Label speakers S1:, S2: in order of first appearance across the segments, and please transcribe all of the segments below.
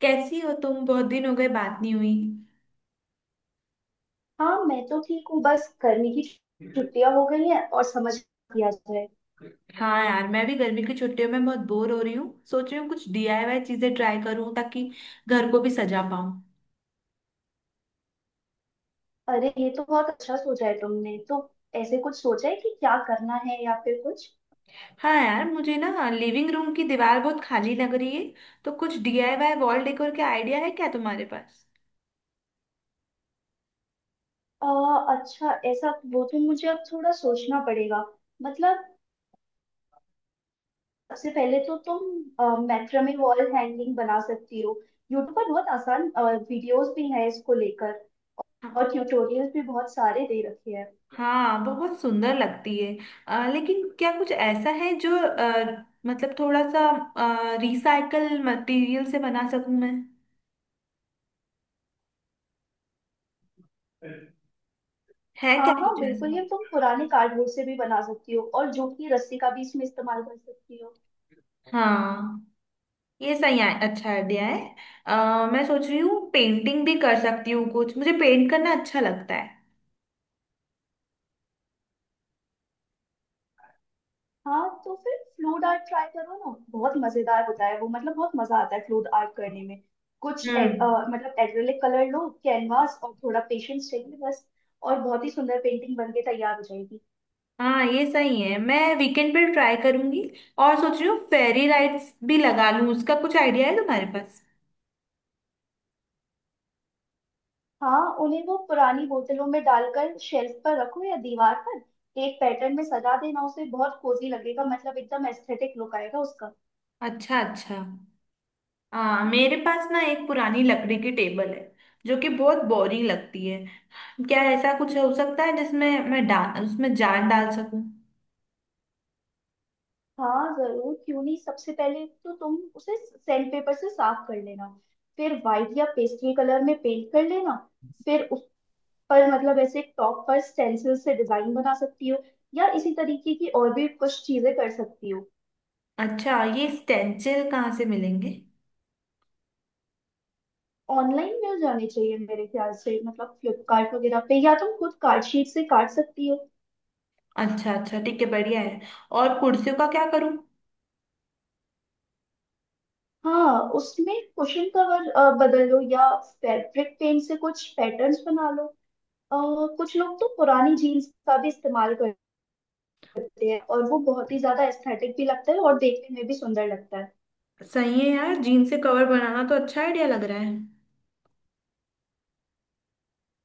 S1: कैसी हो तुम? बहुत दिन हो गए, बात नहीं हुई।
S2: हाँ, मैं तो ठीक हूँ। बस गर्मी की छुट्टियां हो गई हैं और समझ किया जाए।
S1: हाँ यार, मैं भी गर्मी की छुट्टियों में बहुत बोर हो रही हूँ। सोच रही हूँ कुछ डीआईवाई चीजें ट्राई करूँ ताकि घर को भी सजा पाऊँ।
S2: अरे, ये तो बहुत अच्छा सोचा है तुमने। तो ऐसे कुछ सोचा है कि क्या करना है या फिर कुछ?
S1: हाँ यार, मुझे ना लिविंग रूम की दीवार बहुत खाली लग रही है, तो कुछ डीआईवाई वॉल डेकोर के आइडिया है क्या तुम्हारे पास?
S2: आ, अच्छा ऐसा, वो तो मुझे अब थोड़ा सोचना पड़ेगा। मतलब, सबसे पहले तो तुम मैक्रमे वॉल हैंगिंग बना सकती हो। यूट्यूब पर बहुत आसान वीडियोस भी हैं इसको लेकर,
S1: हाँ।
S2: और ट्यूटोरियल्स भी बहुत सारे दे रखे हैं।
S1: हाँ, बहुत सुंदर लगती है। लेकिन क्या कुछ ऐसा है जो मतलब थोड़ा सा रिसाइकल मटेरियल से बना सकूं मैं? है क्या
S2: हाँ
S1: कुछ
S2: हाँ, बिल्कुल।
S1: ऐसा?
S2: ये तुम पुराने कार्डबोर्ड से भी बना सकती हो और जूट की रस्सी का भी इसमें इस्तेमाल कर सकती हो।
S1: हाँ, ये सही है। अच्छा आइडिया है। मैं सोच रही हूँ पेंटिंग भी कर सकती हूँ। कुछ मुझे पेंट करना अच्छा लगता है।
S2: हाँ, तो फिर फ्लूड आर्ट ट्राई करो ना, बहुत मजेदार होता है वो। मतलब बहुत मजा आता है फ्लूड आर्ट करने में। कुछ
S1: हम्म।
S2: मतलब एक्रेलिक कलर लो, कैनवास, और थोड़ा पेशेंस चाहिए बस। और बहुत ही सुंदर पेंटिंग बन के तैयार हो जाएगी।
S1: हाँ ये सही है, मैं वीकेंड पे ट्राई करूंगी। और सोच रही हूँ फेरी लाइट्स भी लगा लूँ, उसका कुछ आइडिया है तुम्हारे पास?
S2: हाँ, उन्हें वो पुरानी बोतलों में डालकर शेल्फ पर रखो, या दीवार पर एक पैटर्न में सजा देना। उसे बहुत कोजी लगेगा, मतलब एकदम एस्थेटिक लुक आएगा उसका।
S1: अच्छा, अच्छा। हाँ, मेरे पास ना एक पुरानी लकड़ी की टेबल है जो कि बहुत बोरिंग लगती है। क्या ऐसा कुछ हो सकता है जिसमें मैं डाल उसमें जान डाल सकूं?
S2: हाँ जरूर, क्यों नहीं। सबसे पहले तो तुम उसे सैंड पेपर से साफ कर लेना। फिर व्हाइट या पेस्टल कलर में पेंट कर लेना। फिर उस पर, मतलब ऐसे टॉप पर स्टेंसिल से डिजाइन बना सकती हो, या इसी तरीके की और भी कुछ चीजें कर सकती हो।
S1: अच्छा, ये स्टेंसिल कहाँ से मिलेंगे?
S2: ऑनलाइन मिल जाने चाहिए मेरे ख्याल से। मतलब फ्लिपकार्ट वगैरह पे, या तुम खुद कार्ड शीट से काट सकती हो।
S1: अच्छा अच्छा, ठीक है, बढ़िया है। और कुर्सियों का क्या करूं?
S2: हाँ, उसमें कुशन कवर बदल लो, या फैब्रिक पेंट से कुछ पैटर्न्स बना लो। अ, कुछ लोग तो पुरानी जीन्स का भी इस्तेमाल कर करते हैं, और वो बहुत ही ज्यादा एस्थेटिक भी लगता है और देखने में भी सुंदर लगता है।
S1: सही है यार, जीन से कवर बनाना तो अच्छा आइडिया लग रहा है।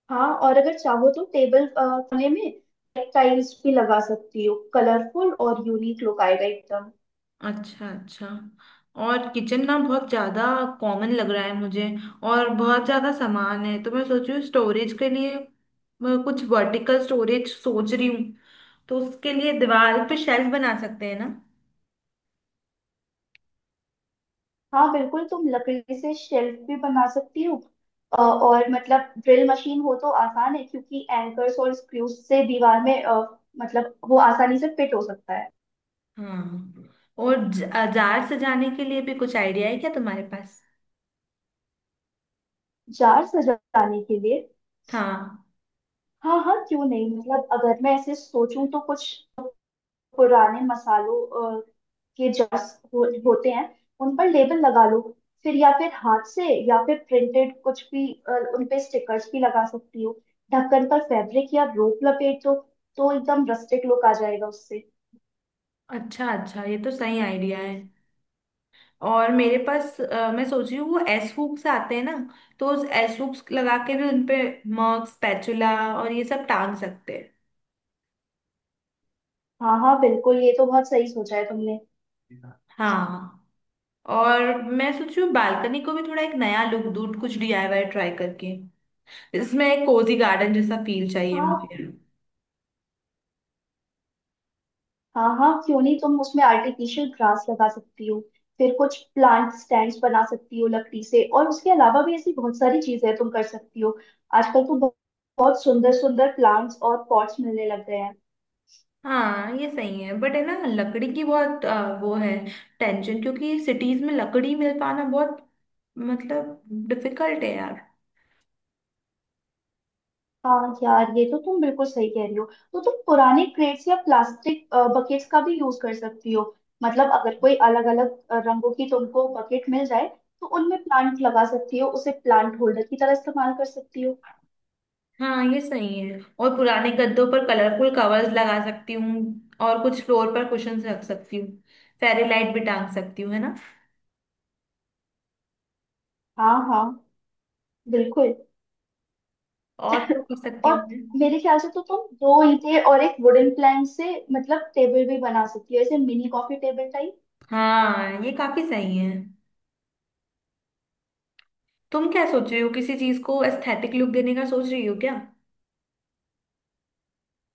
S2: हाँ, और अगर चाहो तो टेबल कोने में टाइल्स भी लगा सकती हो। कलरफुल और यूनिक लुक आएगा एकदम।
S1: अच्छा, अच्छा। और किचन ना बहुत ज्यादा कॉमन लग रहा है मुझे, और बहुत ज्यादा सामान है। तो मैं सोच रही हूँ स्टोरेज के लिए मैं कुछ वर्टिकल स्टोरेज सोच रही हूँ, तो उसके लिए दीवार पे शेल्फ बना सकते हैं ना?
S2: हाँ बिल्कुल, तुम लकड़ी से शेल्फ भी बना सकती हो। और मतलब ड्रिल मशीन हो तो आसान है, क्योंकि एंकर्स और स्क्रूज से दीवार में मतलब वो आसानी से फिट हो सकता है।
S1: हाँ। और जार सजाने के लिए भी कुछ आइडिया है क्या तुम्हारे पास?
S2: जार सजाने के लिए?
S1: हाँ।
S2: हाँ हाँ, क्यों नहीं। मतलब अगर मैं ऐसे सोचूं तो कुछ पुराने मसालों अ, के जर्स होते हैं। उन पर लेबल लगा लो, फिर या फिर हाथ से या फिर प्रिंटेड कुछ भी उन पे स्टिकर्स भी लगा सकती हो। ढक्कन पर फैब्रिक या रोप लपेट दो, तो एकदम रस्टिक लुक आ जाएगा उससे।
S1: अच्छा अच्छा, ये तो सही आइडिया है। और मेरे पास मैं सोच रही हूँ वो एस हुक्स आते हैं ना, तो उस एस हुक्स लगा के भी उनपे मग, स्पैचुला और ये सब टांग सकते
S2: हाँ हाँ बिल्कुल, ये तो बहुत सही सोचा है तुमने।
S1: हैं। हाँ। और मैं सोच रही हूँ बालकनी को भी थोड़ा एक नया लुक दूँ कुछ डीआईवाई ट्राई करके। इसमें एक कोजी गार्डन जैसा फील चाहिए
S2: हाँ।
S1: मुझे।
S2: हाँ हाँ, क्यों नहीं। तुम उसमें आर्टिफिशियल ग्रास लगा सकती हो, फिर कुछ प्लांट स्टैंड्स बना सकती हो लकड़ी से, और उसके अलावा भी ऐसी बहुत सारी चीजें तुम कर सकती हो। आजकल तो बहुत बहुत सुंदर सुंदर प्लांट्स और पॉट्स मिलने लग गए हैं।
S1: हाँ ये सही है, बट है ना लकड़ी की बहुत वो है टेंशन, क्योंकि सिटीज में लकड़ी मिल पाना बहुत मतलब डिफिकल्ट है यार।
S2: हाँ यार, ये तो तुम बिल्कुल सही कह रही हो। तो तुम पुराने क्रेट्स या प्लास्टिक बकेट्स का भी यूज कर सकती हो। मतलब अगर कोई अलग अलग रंगों की तुमको बकेट मिल जाए, तो उनमें प्लांट लगा सकती हो, उसे प्लांट होल्डर की तरह इस्तेमाल कर सकती हो।
S1: हाँ ये सही है। और पुराने गद्दों पर कलरफुल कवर्स लगा सकती हूँ और कुछ फ्लोर पर कुशंस रख सकती हूँ, फेरी लाइट भी टांग सकती हूँ, है ना?
S2: हाँ हाँ बिल्कुल।
S1: और क्या कर सकती
S2: और
S1: हूँ मैं?
S2: मेरे ख्याल से तो तुम दो ईंटें और एक वुडन प्लैंक से, मतलब टेबल भी बना सकती हो, ऐसे मिनी कॉफी टेबल टाइप।
S1: हाँ ये काफी सही है। तुम क्या सोच रही हो? किसी चीज को एस्थेटिक लुक देने का सोच रही हो क्या?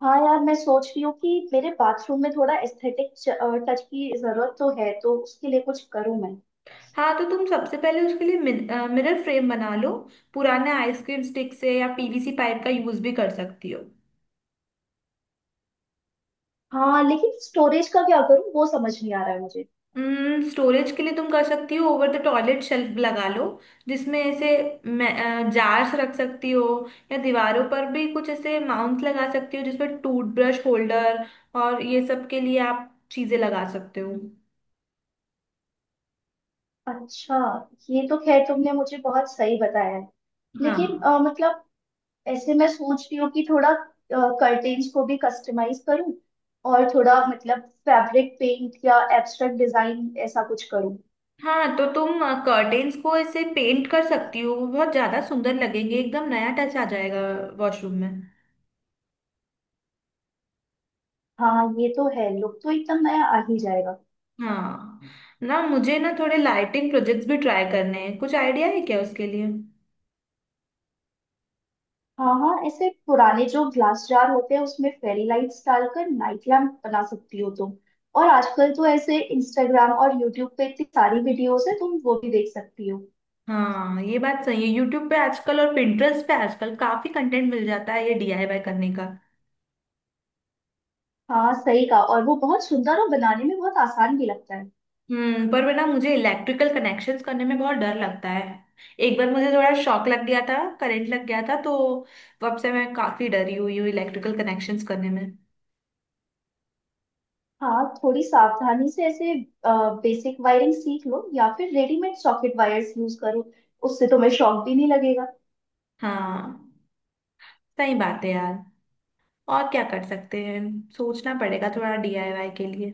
S2: हाँ यार, मैं सोच रही हूँ कि मेरे बाथरूम में थोड़ा एस्थेटिक टच की जरूरत तो है, तो उसके लिए कुछ करूँ मैं।
S1: हाँ तो तुम सबसे पहले उसके लिए मिरर फ्रेम बना लो पुराने आइसक्रीम स्टिक से, या पीवीसी पाइप का यूज भी कर सकती हो।
S2: हाँ, लेकिन स्टोरेज का क्या करूँ, वो समझ नहीं आ रहा है मुझे।
S1: स्टोरेज के लिए तुम कर सकती हो, ओवर द टॉयलेट शेल्फ लगा लो जिसमें ऐसे जार्स रख सकती हो। या दीवारों पर भी कुछ ऐसे माउंट लगा सकती हो जिसमें टूथब्रश होल्डर और ये सब के लिए आप चीजें लगा सकते हो।
S2: अच्छा, ये तो खैर तुमने मुझे बहुत सही बताया है।
S1: हाँ।
S2: लेकिन मतलब ऐसे मैं सोच रही हूँ कि थोड़ा कर्टेन्स को भी कस्टमाइज करूँ, और थोड़ा मतलब फैब्रिक पेंट या एब्स्ट्रैक्ट डिजाइन ऐसा कुछ करूँ।
S1: हाँ तो तुम कर्टेन्स को ऐसे पेंट कर सकती हो, वो बहुत ज्यादा सुंदर लगेंगे, एकदम नया टच आ जाएगा वॉशरूम में।
S2: हाँ, ये तो है, लुक तो एकदम नया आ ही जाएगा।
S1: हाँ। ना मुझे ना थोड़े लाइटिंग प्रोजेक्ट्स भी ट्राई करने हैं, कुछ आइडिया है क्या उसके लिए?
S2: हाँ हाँ, ऐसे पुराने जो ग्लास जार होते हैं, उसमें फेरी लाइट्स डालकर नाइट लैम्प बना सकती हो तुम। और आजकल तो ऐसे इंस्टाग्राम और यूट्यूब पे इतनी सारी वीडियोस है, तुम वो भी देख सकती हो।
S1: हाँ ये बात सही है, यूट्यूब पे आजकल और Pinterest पे आजकल काफी कंटेंट मिल जाता है ये डीआईवाई करने का।
S2: हाँ सही कहा, और वो बहुत सुंदर और बनाने में बहुत आसान भी लगता है।
S1: हम्म। पर ना मुझे इलेक्ट्रिकल कनेक्शंस करने में बहुत डर लगता है। एक बार मुझे थोड़ा शॉक लग गया था, करंट लग गया था, तो तब से मैं काफी डरी हुई हूँ इलेक्ट्रिकल कनेक्शंस करने में।
S2: हाँ, थोड़ी सावधानी से ऐसे बेसिक वायरिंग सीख लो, या फिर रेडीमेड सॉकेट वायर्स यूज करो। उससे तुम्हें शॉक भी नहीं लगेगा।
S1: हाँ सही बात है यार। और क्या कर सकते हैं, सोचना पड़ेगा थोड़ा डीआईवाई के लिए।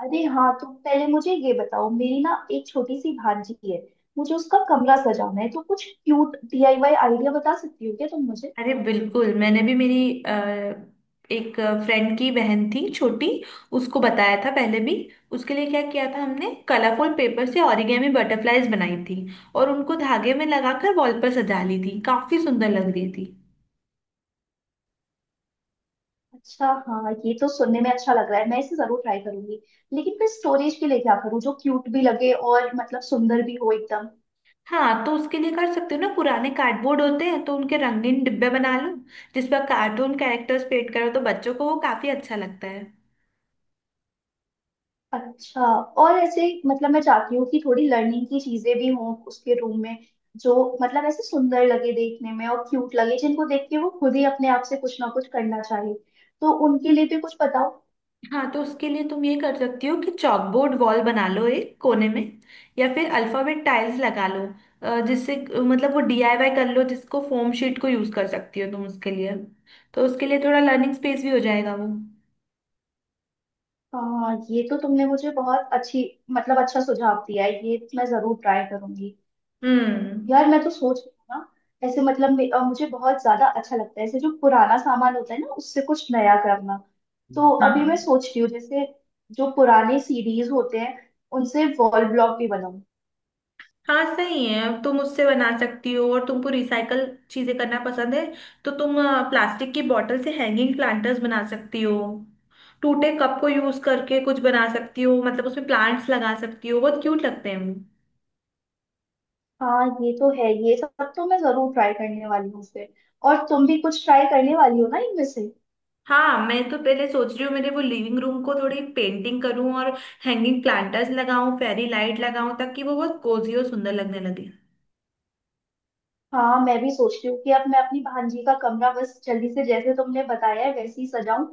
S2: अरे हाँ, तो पहले मुझे ये बताओ, मेरी ना एक छोटी सी भांजी है, मुझे उसका कमरा सजाना है, तो कुछ क्यूट डीआईवाई आइडिया बता सकती हो क्या तुम मुझे?
S1: अरे बिल्कुल, मैंने भी मेरी अ, एक फ्रेंड की बहन थी छोटी, उसको बताया था पहले भी। उसके लिए क्या किया था हमने? कलरफुल पेपर से ओरिगेमी बटरफ्लाईज बनाई थी और उनको धागे में लगाकर वॉल पर सजा ली थी, काफी सुंदर लग रही थी।
S2: अच्छा हाँ, ये तो सुनने में अच्छा लग रहा है, मैं इसे जरूर ट्राई करूंगी। लेकिन फिर स्टोरेज के लिए क्या करूँ, जो क्यूट भी लगे और मतलब सुंदर भी हो एकदम।
S1: हाँ तो उसके लिए कर सकते हो ना, पुराने कार्डबोर्ड होते हैं तो उनके रंगीन डिब्बे बना लो जिस पर कार्टून कैरेक्टर्स पेंट करो, तो बच्चों को वो काफी अच्छा लगता है।
S2: अच्छा। और ऐसे मतलब मैं चाहती हूँ कि थोड़ी लर्निंग की चीजें भी हों उसके रूम में, जो मतलब ऐसे सुंदर लगे देखने में और क्यूट लगे, जिनको देख के वो खुद ही अपने आप से कुछ ना कुछ करना चाहे। तो उनके लिए भी कुछ बताओ।
S1: हाँ तो उसके लिए तुम ये कर सकती हो कि चॉकबोर्ड वॉल बना लो एक कोने में, या फिर अल्फाबेट टाइल्स लगा लो। जिससे मतलब वो डीआईवाई कर लो, जिसको फोम शीट को यूज कर सकती हो तुम उसके लिए। तो उसके लिए थोड़ा लर्निंग स्पेस भी हो जाएगा वो।
S2: ये तो तुमने मुझे बहुत अच्छी, मतलब अच्छा सुझाव दिया है। ये मैं जरूर ट्राई करूंगी।
S1: हम्म।
S2: यार मैं तो सोच रही हूँ ना, ऐसे मतलब मुझे बहुत ज्यादा अच्छा लगता है ऐसे जो पुराना सामान होता है ना, उससे कुछ नया करना। तो अभी मैं
S1: हाँ
S2: सोच रही हूँ, जैसे जो पुराने सीडीज होते हैं, उनसे वॉल ब्लॉक भी बनाऊं।
S1: हाँ सही है, अब तुम उससे बना सकती हो। और तुमको रिसाइकल चीजें करना पसंद है, तो तुम प्लास्टिक की बॉटल से हैंगिंग प्लांटर्स बना सकती हो। टूटे कप को यूज करके कुछ बना सकती हो, मतलब उसमें प्लांट्स लगा सकती हो, बहुत क्यूट लगते हैं वो।
S2: हाँ ये तो है, ये सब तो मैं जरूर ट्राई करने वाली हूँ फिर। और तुम भी कुछ ट्राई करने वाली हो ना इनमें से?
S1: हाँ मैं तो पहले सोच रही हूँ मेरे वो लिविंग रूम को थोड़ी पेंटिंग करूँ और हैंगिंग प्लांटर्स लगाऊं, फेरी लाइट लगाऊं, ताकि वो बहुत कोजी और सुंदर लगने लगे।
S2: हाँ, मैं भी सोच रही हूँ कि अब मैं अपनी भांजी का कमरा बस जल्दी से, जैसे तुमने बताया है वैसे ही सजाऊं,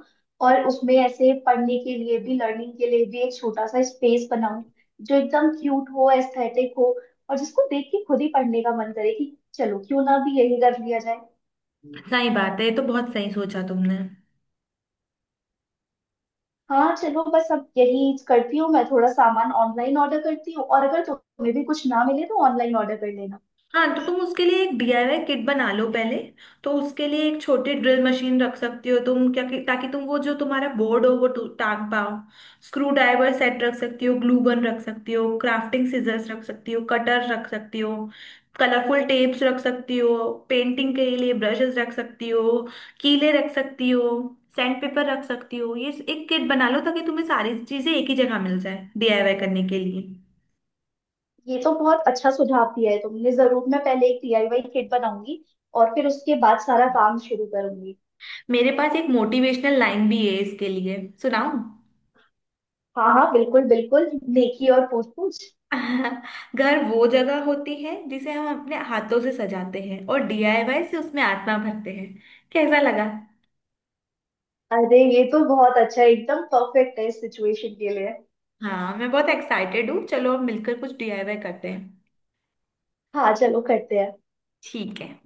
S2: और उसमें ऐसे पढ़ने के लिए भी, लर्निंग के लिए भी एक छोटा सा स्पेस बनाऊं, जो एकदम क्यूट हो, एस्थेटिक हो, और जिसको देख के खुद ही पढ़ने का मन करे कि चलो क्यों ना भी यही कर लिया जाए।
S1: सही बात है, ये तो बहुत सही सोचा तुमने।
S2: हाँ चलो, बस अब यही करती हूँ मैं। थोड़ा सामान ऑनलाइन ऑर्डर करती हूँ, और अगर तुम्हें भी कुछ ना मिले तो ऑनलाइन ऑर्डर कर लेना।
S1: हाँ तो तुम उसके लिए एक डीआईवाई किट बना लो पहले। तो उसके लिए एक छोटी ड्रिल मशीन रख सकती हो तुम, ताकि तुम वो जो तुम्हारा बोर्ड हो वो टांग पाओ। स्क्रू ड्राइवर सेट रख सकती हो, ग्लू गन रख सकती हो, क्राफ्टिंग सीजर्स रख सकती हो, कटर रख सकती हो, कलरफुल टेप्स रख सकती हो, पेंटिंग के लिए ब्रशेस रख सकती हो, कीले रख सकती हो, सैंड पेपर रख सकती हो। ये एक किट बना लो ताकि तुम्हें सारी चीजें एक ही जगह मिल जाए डीआईवाई करने के लिए।
S2: ये तो बहुत अच्छा सुझाव दिया है तुमने। जरूर मैं पहले एक डीआईवाई किट बनाऊंगी, और फिर उसके बाद सारा काम शुरू करूंगी।
S1: मेरे पास एक मोटिवेशनल लाइन भी है इसके लिए, सुनाऊं?
S2: हाँ हाँ, बिल्कुल बिल्कुल। नेकी और पूछ पूछ।
S1: घर वो जगह होती है जिसे हम अपने हाथों से सजाते हैं और डीआईवाई से उसमें आत्मा भरते हैं। कैसा लगा?
S2: अरे, ये तो बहुत अच्छा है, एकदम परफेक्ट है इस सिचुएशन के लिए।
S1: हाँ मैं बहुत एक्साइटेड हूँ, चलो अब मिलकर कुछ डीआईवाई करते हैं।
S2: हाँ चलो, करते हैं।
S1: ठीक है।